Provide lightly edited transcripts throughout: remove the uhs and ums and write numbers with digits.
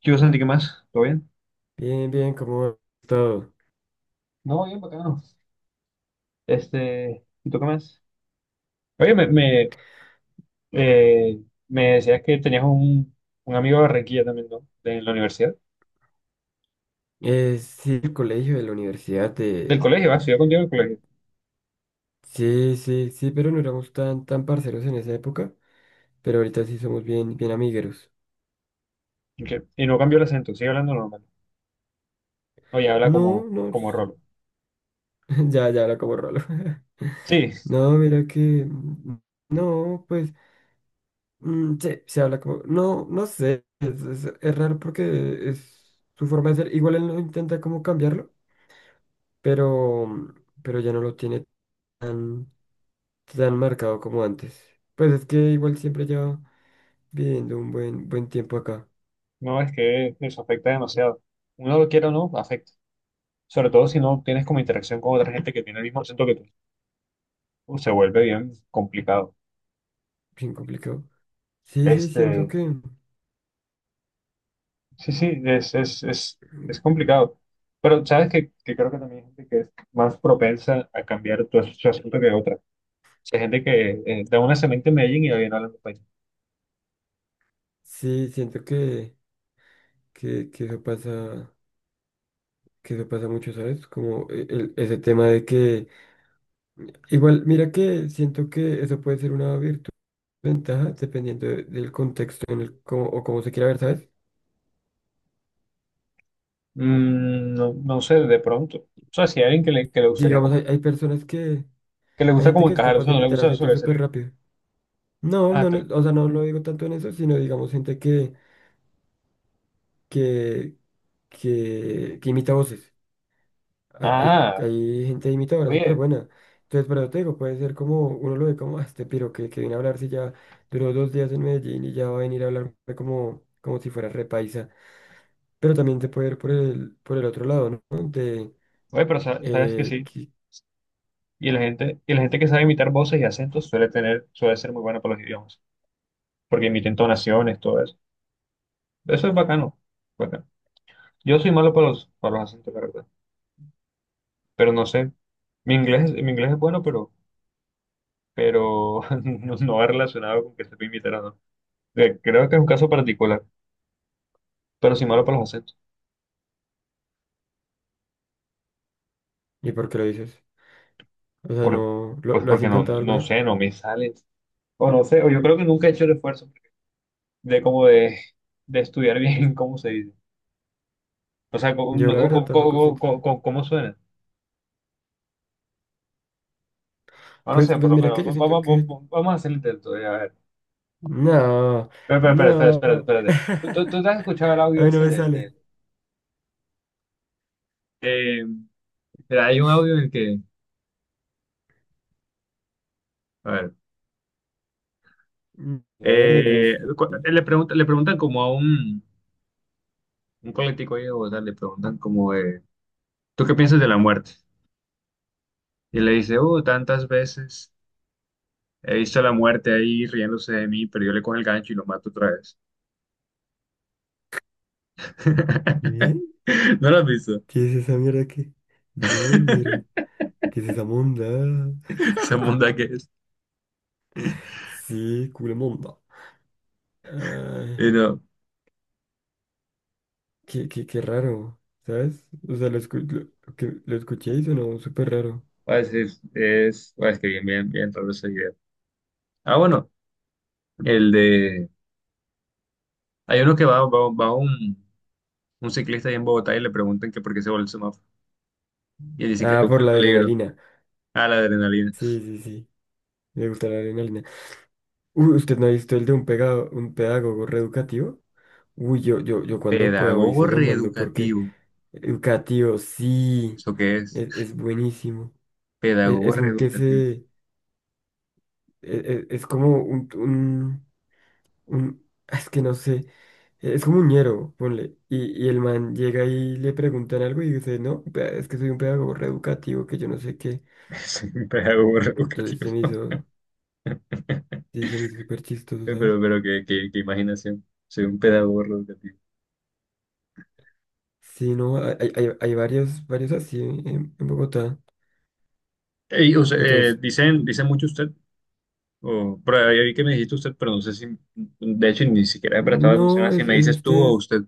¿Qué hubo, Santi? ¿Qué más? ¿Todo bien? Bien, bien, ¿cómo va todo? No, bien bacano. Este, ¿y tú qué más? Oye, me, eh, me decías que tenías un amigo de Barranquilla también, ¿no? De la universidad. Sí, el colegio, de la universidad, Del de... colegio, va, estudió contigo en el colegio. Sí, sí, sí, pero no éramos tan parceros en esa época, pero ahorita sí somos bien, bien amigueros. Y no cambió el acento, sigue hablando normal. Oye, habla No, no, como Rolo. ya habla como rolo. Sí, No, mira que... mm, No, pues, sí, se habla como... No, no sé, es raro porque es su forma de ser. Igual él no intenta como cambiarlo, pero, pero ya no lo tiene tan... tan marcado como antes. Pues es que igual siempre llevo viviendo un buen, buen tiempo acá, no, es que eso afecta demasiado. Uno lo quiera o no, afecta. Sobre todo si no tienes como interacción con otra gente que tiene el mismo acento que tú. Se vuelve bien complicado. bien complicado. Sí, Este. Sí, sí, es complicado. Pero sabes que creo que también hay gente que es más propensa a cambiar su asunto que otra. O sea, hay gente que da una semana en Medellín y va bien hablando español. sí, siento que, que eso pasa, que eso pasa mucho, ¿sabes? Como ese tema de que, igual, mira que siento que eso puede ser una virtud, ventaja, dependiendo del contexto en el, cómo, o cómo se quiera ver, ¿sabes? No, no sé, de pronto. O sea, si hay alguien que le gustaría Digamos, hay, como, hay personas que, que le hay gusta gente como que es encajar, o capaz de sea, no le imitar gusta acentos súper sobresalir. rápido. No, Ah, no, tal. no, o sea, no lo digo tanto en eso, sino digamos gente que, que imita voces. Ha- Hay, Ah, hay gente imitadora súper oye, buena. Entonces, por eso te digo, puede ser como, uno lo ve como, "Ah, este piro que viene a hablar si ya duró 2 días en Medellín y ya va a venir a hablarme como, como si fuera repaisa. Pero también te puede ir por el otro lado, ¿no? Oye, pero sabes que eh, sí. qui- Y la gente que sabe imitar voces y acentos suele tener, suele ser muy buena para los idiomas. Porque imiten tonaciones, todo eso. Eso es bacano. Bacano. Yo soy malo para para los acentos, la verdad. Pero no sé. Mi inglés es bueno, pero no, no va relacionado con que sepa imitar o no. Creo que es un caso particular, pero soy malo para los acentos. ¿Y por qué lo dices? O sea, Por, no, ¿lo, pues lo has porque no, intentado no alguna vez? sé, no me sale. O no sé, o yo creo que nunca he hecho el esfuerzo de como de, de estudiar bien cómo se dice. O sea, cómo, Yo no, la o verdad cómo, tampoco siento. Cómo suena. O no Pues, sé, por pues lo mira que menos. yo siento que... Vamos a hacer el intento. A ver. No, Espera, espera, espera, espera, no. espera. Espérate. ¿ Tú te has escuchado el A audio mí no ese me del, sale. del, em, Mira, hay un audio en el que, a ver, La verdad, los... le le preguntan como a un político ahí de Bogotá, le preguntan como, ¿tú qué piensas de la muerte? Y le dice, oh, tantas veces he visto a la muerte ahí riéndose de mí, pero yo le cojo el gancho y lo mato otra vez. ¿Qué? ¿No lo has visto? ¿Qué es esa mierda que? No, ñero. ¿Qué es esa monda? Esa monda que es. Sí, culo monda. Ay, Y no, qué raro, ¿sabes? O sea, lo escuché y sonó súper raro. va a decir, va a que bien, bien, bien raro ese video. Ah, bueno, el de, hay uno va un ciclista ahí en Bogotá y le preguntan que por qué se volvió semáforo. Y dice que le Ah, gusta por el la peligro. adrenalina. Ah, la adrenalina. Sí, sí, sí. Me gusta la adrenalina. Uy, ¿usted no ha visto el de un pegado, un pedagogo reeducativo? Uy, yo cuando pueda hoy se Pedagogo lo mando porque reeducativo. educativo, sí, ¿Eso qué es? es buenísimo. Es, Pedagogo es un que reeducativo. se... e- es como un, un es que no sé, es como un ñero, ponle. Y el man llega y le preguntan algo y dice, no, es que soy un pedagogo reeducativo, que yo no sé qué. Soy un pedagogo Entonces reeducativo. se me hizo, sí, se me hizo súper chistoso, ¿sabes? Pero qué imaginación. Soy un pedagogo reeducativo. Sí, no, hay varios, varios así en, Bogotá. Ey, o sea, Entonces, dicen, dicen mucho usted, o, pero ahí vi que me dijiste usted, pero no sé si, de hecho, ni siquiera he prestado atención a no, si es, me es dices tú o usted. usted.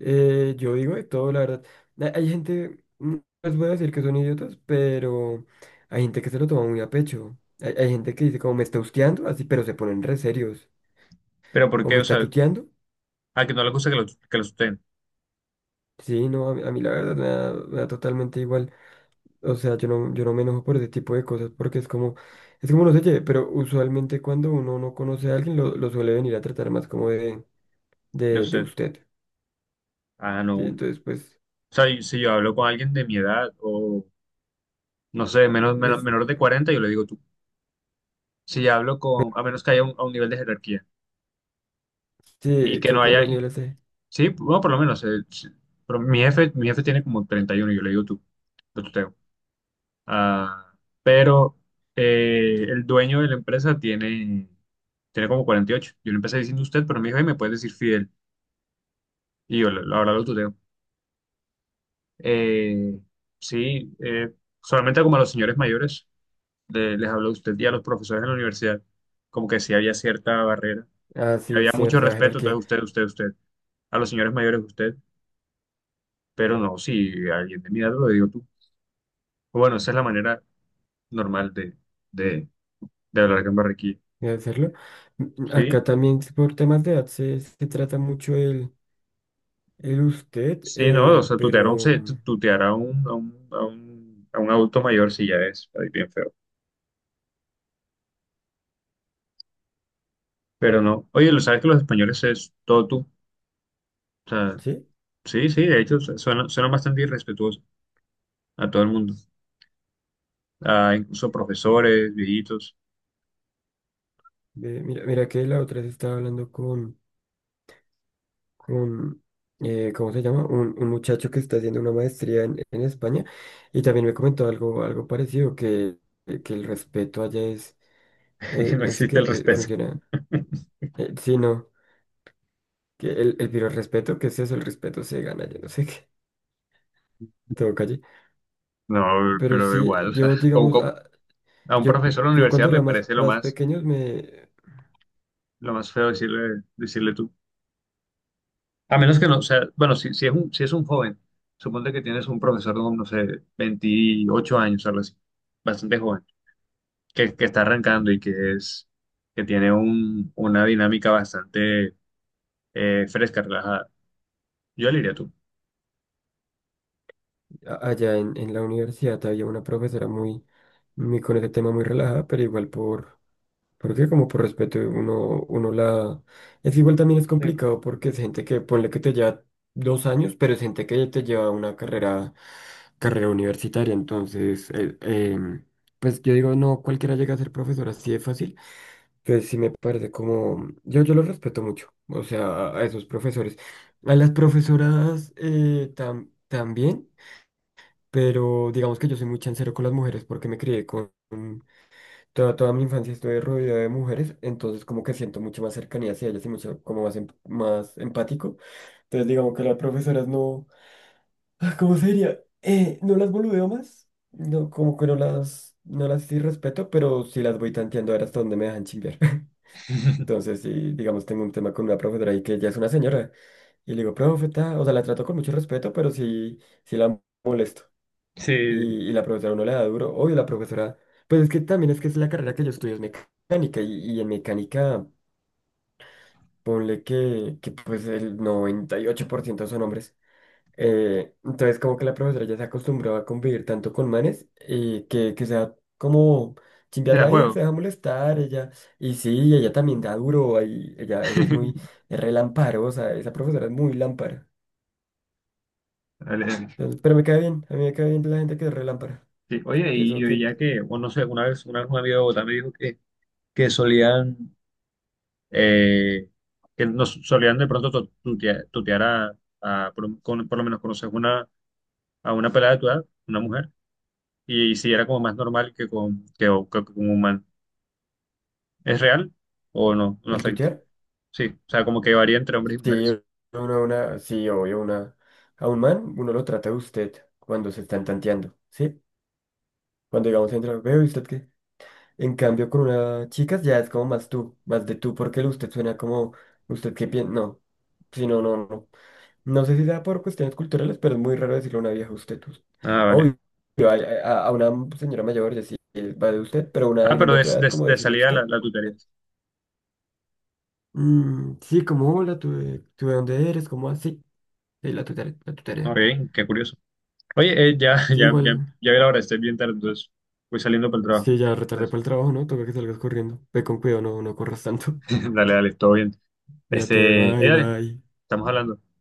Yo digo de todo, la verdad. Hay gente, no les voy a decir que son idiotas, pero hay gente que se lo toma muy a pecho. Hay gente que dice como me está husqueando, así, pero se ponen re serios. Pero ¿por O qué? me O está sea, tuteando. a que no le gusta que lo sustenten, Sí, no, a mí la verdad me da totalmente igual. O sea, yo no me enojo por ese tipo de cosas porque es como no sé qué, pero usualmente cuando uno no conoce a alguien lo suele venir a tratar más como de, de de usted. usted. Ah, no. Sí, O entonces pues, sea, y si yo hablo con alguien de mi edad, o no sé, menor este, de 40 yo le digo tú. Si hablo con, a menos que haya un, a un nivel de jerarquía y sí, que creo que no con haya, los niveles de... sí, bueno, por lo menos, sí. Pero mi jefe tiene como 31, yo le digo tú, lo tuteo. Ah, pero el dueño de la empresa tiene como 48. Yo le empecé diciendo usted, pero me dijo, "Ay, me puedes decir Fidel". Y yo, la verdad, lo tuteo. Eh, sí, eh, Solamente como a los señores mayores les hablo a usted y a los profesores en la universidad, como que sí había cierta barrera. Ah, Y sí, había mucho cierta respeto, entonces jerarquía. Usted, a los señores mayores usted, pero no, si alguien de mi edad lo digo tú. Bueno, esa es la manera normal de, de hablar acá en Barranquilla, De hacerlo. ¿Sí? Acá también sí por temas de edad se trata mucho el, usted, Sí, no, o sea, pero tutear a a un adulto mayor sí ya es ahí bien feo, pero no. Oye, lo sabes que los españoles es todo tú, o sea, sí, sí, sí, de hecho, suena, suena bastante irrespetuoso a todo el mundo, a incluso profesores, viejitos. ve, mira que la otra vez estaba hablando con, con ¿cómo se llama? Un muchacho que está haciendo una maestría en, España y también me comentó algo parecido, que el respeto allá No es que existe el respeto. funciona, sí, no, pero el respeto, ¿qué es eso? El respeto se gana, yo no sé qué, todo calle. No, Pero pero sí, igual, o sea, yo ¿cómo- digamos, cómo? A un Yo, profesor de la yo cuando universidad me era más, parece más pequeño, me, lo más feo decirle, decirle tú. A menos que no, o sea, bueno, si es un, si es un joven, suponte que tienes un profesor de, no sé, 28 años, o algo así, bastante joven, que está arrancando que tiene un, una dinámica bastante fresca, relajada. Yo le diría tú. Allá en, la universidad había una profesora muy, muy con ese tema muy relajada, pero igual porque como por respeto uno la... Es que igual también es complicado porque es gente que, ponle que te lleva 2 años, pero es gente que te lleva una carrera universitaria, entonces, pues yo digo, no, cualquiera llega a ser profesor así de fácil. Que sí me parece como, yo los respeto mucho, o sea, a esos profesores. A las profesoras también, pero digamos que yo soy muy chancero con las mujeres porque me crié toda mi infancia estuve rodeado de mujeres, entonces como que siento mucho más cercanía hacia ellas y mucho como más empático. Entonces digamos que las profesoras no, ah, ¿cómo sería? No las boludeo más, no, como que no las sí respeto, pero sí las voy tanteando a ver hasta dónde me dejan chimbear. Entonces, si digamos tengo un tema con una profesora y que ya es una señora, y le digo, profeta, o sea, la trato con mucho respeto, pero sí, sí la molesto. Sí, Y la profesora no le da duro. Obvio, la profesora, pues es que también es que es la carrera que yo estudio, es mecánica, y en mecánica, ponle que pues el 98% son hombres. Entonces, como que la profesora ya se acostumbró a convivir tanto con manes y que sea como te chimbear da la vida, se juego. deja molestar ella. Y sí, ella también da duro, ahí, ella es muy es relamparosa, esa profesora es muy lámpara. Dale, dale. Entonces, pero me cae bien, a mí me cae bien la gente que es relámpara, Sí, oye, que y eso yo que ya que, bueno, no sé, una vez un amigo de Bogotá me dijo que solían eh, que nos solían de pronto tutear, por, por lo menos conoces a una pelada de tu edad, una mujer, y, si era como más normal que que con un man. ¿Es real o no? No el afecta. tutear. Sí, o sea, como que varía entre hombres y Sí, mujeres. Sí, obvio, a un man uno lo trata de usted cuando se están tanteando, ¿sí? Cuando digamos entra, veo, ¿y usted qué? En cambio, con una chica ya es como más tú, más de tú, porque el usted suena como usted que piensa. No, si no, no, no. No sé si sea por cuestiones culturales, pero es muy raro decirle a una vieja usted. Ah, vale. Obvio, a, a una señora mayor decir va de usted, pero una Ah, alguien pero de tu edad, como de decirle salida usted. la tutearía. Mm, sí, como hola, tú, tú de dónde eres, como así. Sí, sí, la tu tarea, la tu Ok, tarea. qué curioso. Oye, ya, Sí, igual. ya vi la hora, estoy bien tarde, entonces voy saliendo para el trabajo. Sí, ya retardé Entonces, para el trabajo, ¿no? Toca que salgas corriendo. Ve con cuidado, no, no corras tanto. dale, dale, todo bien. Cuídate, Este, bye, dale, bye. estamos hablando.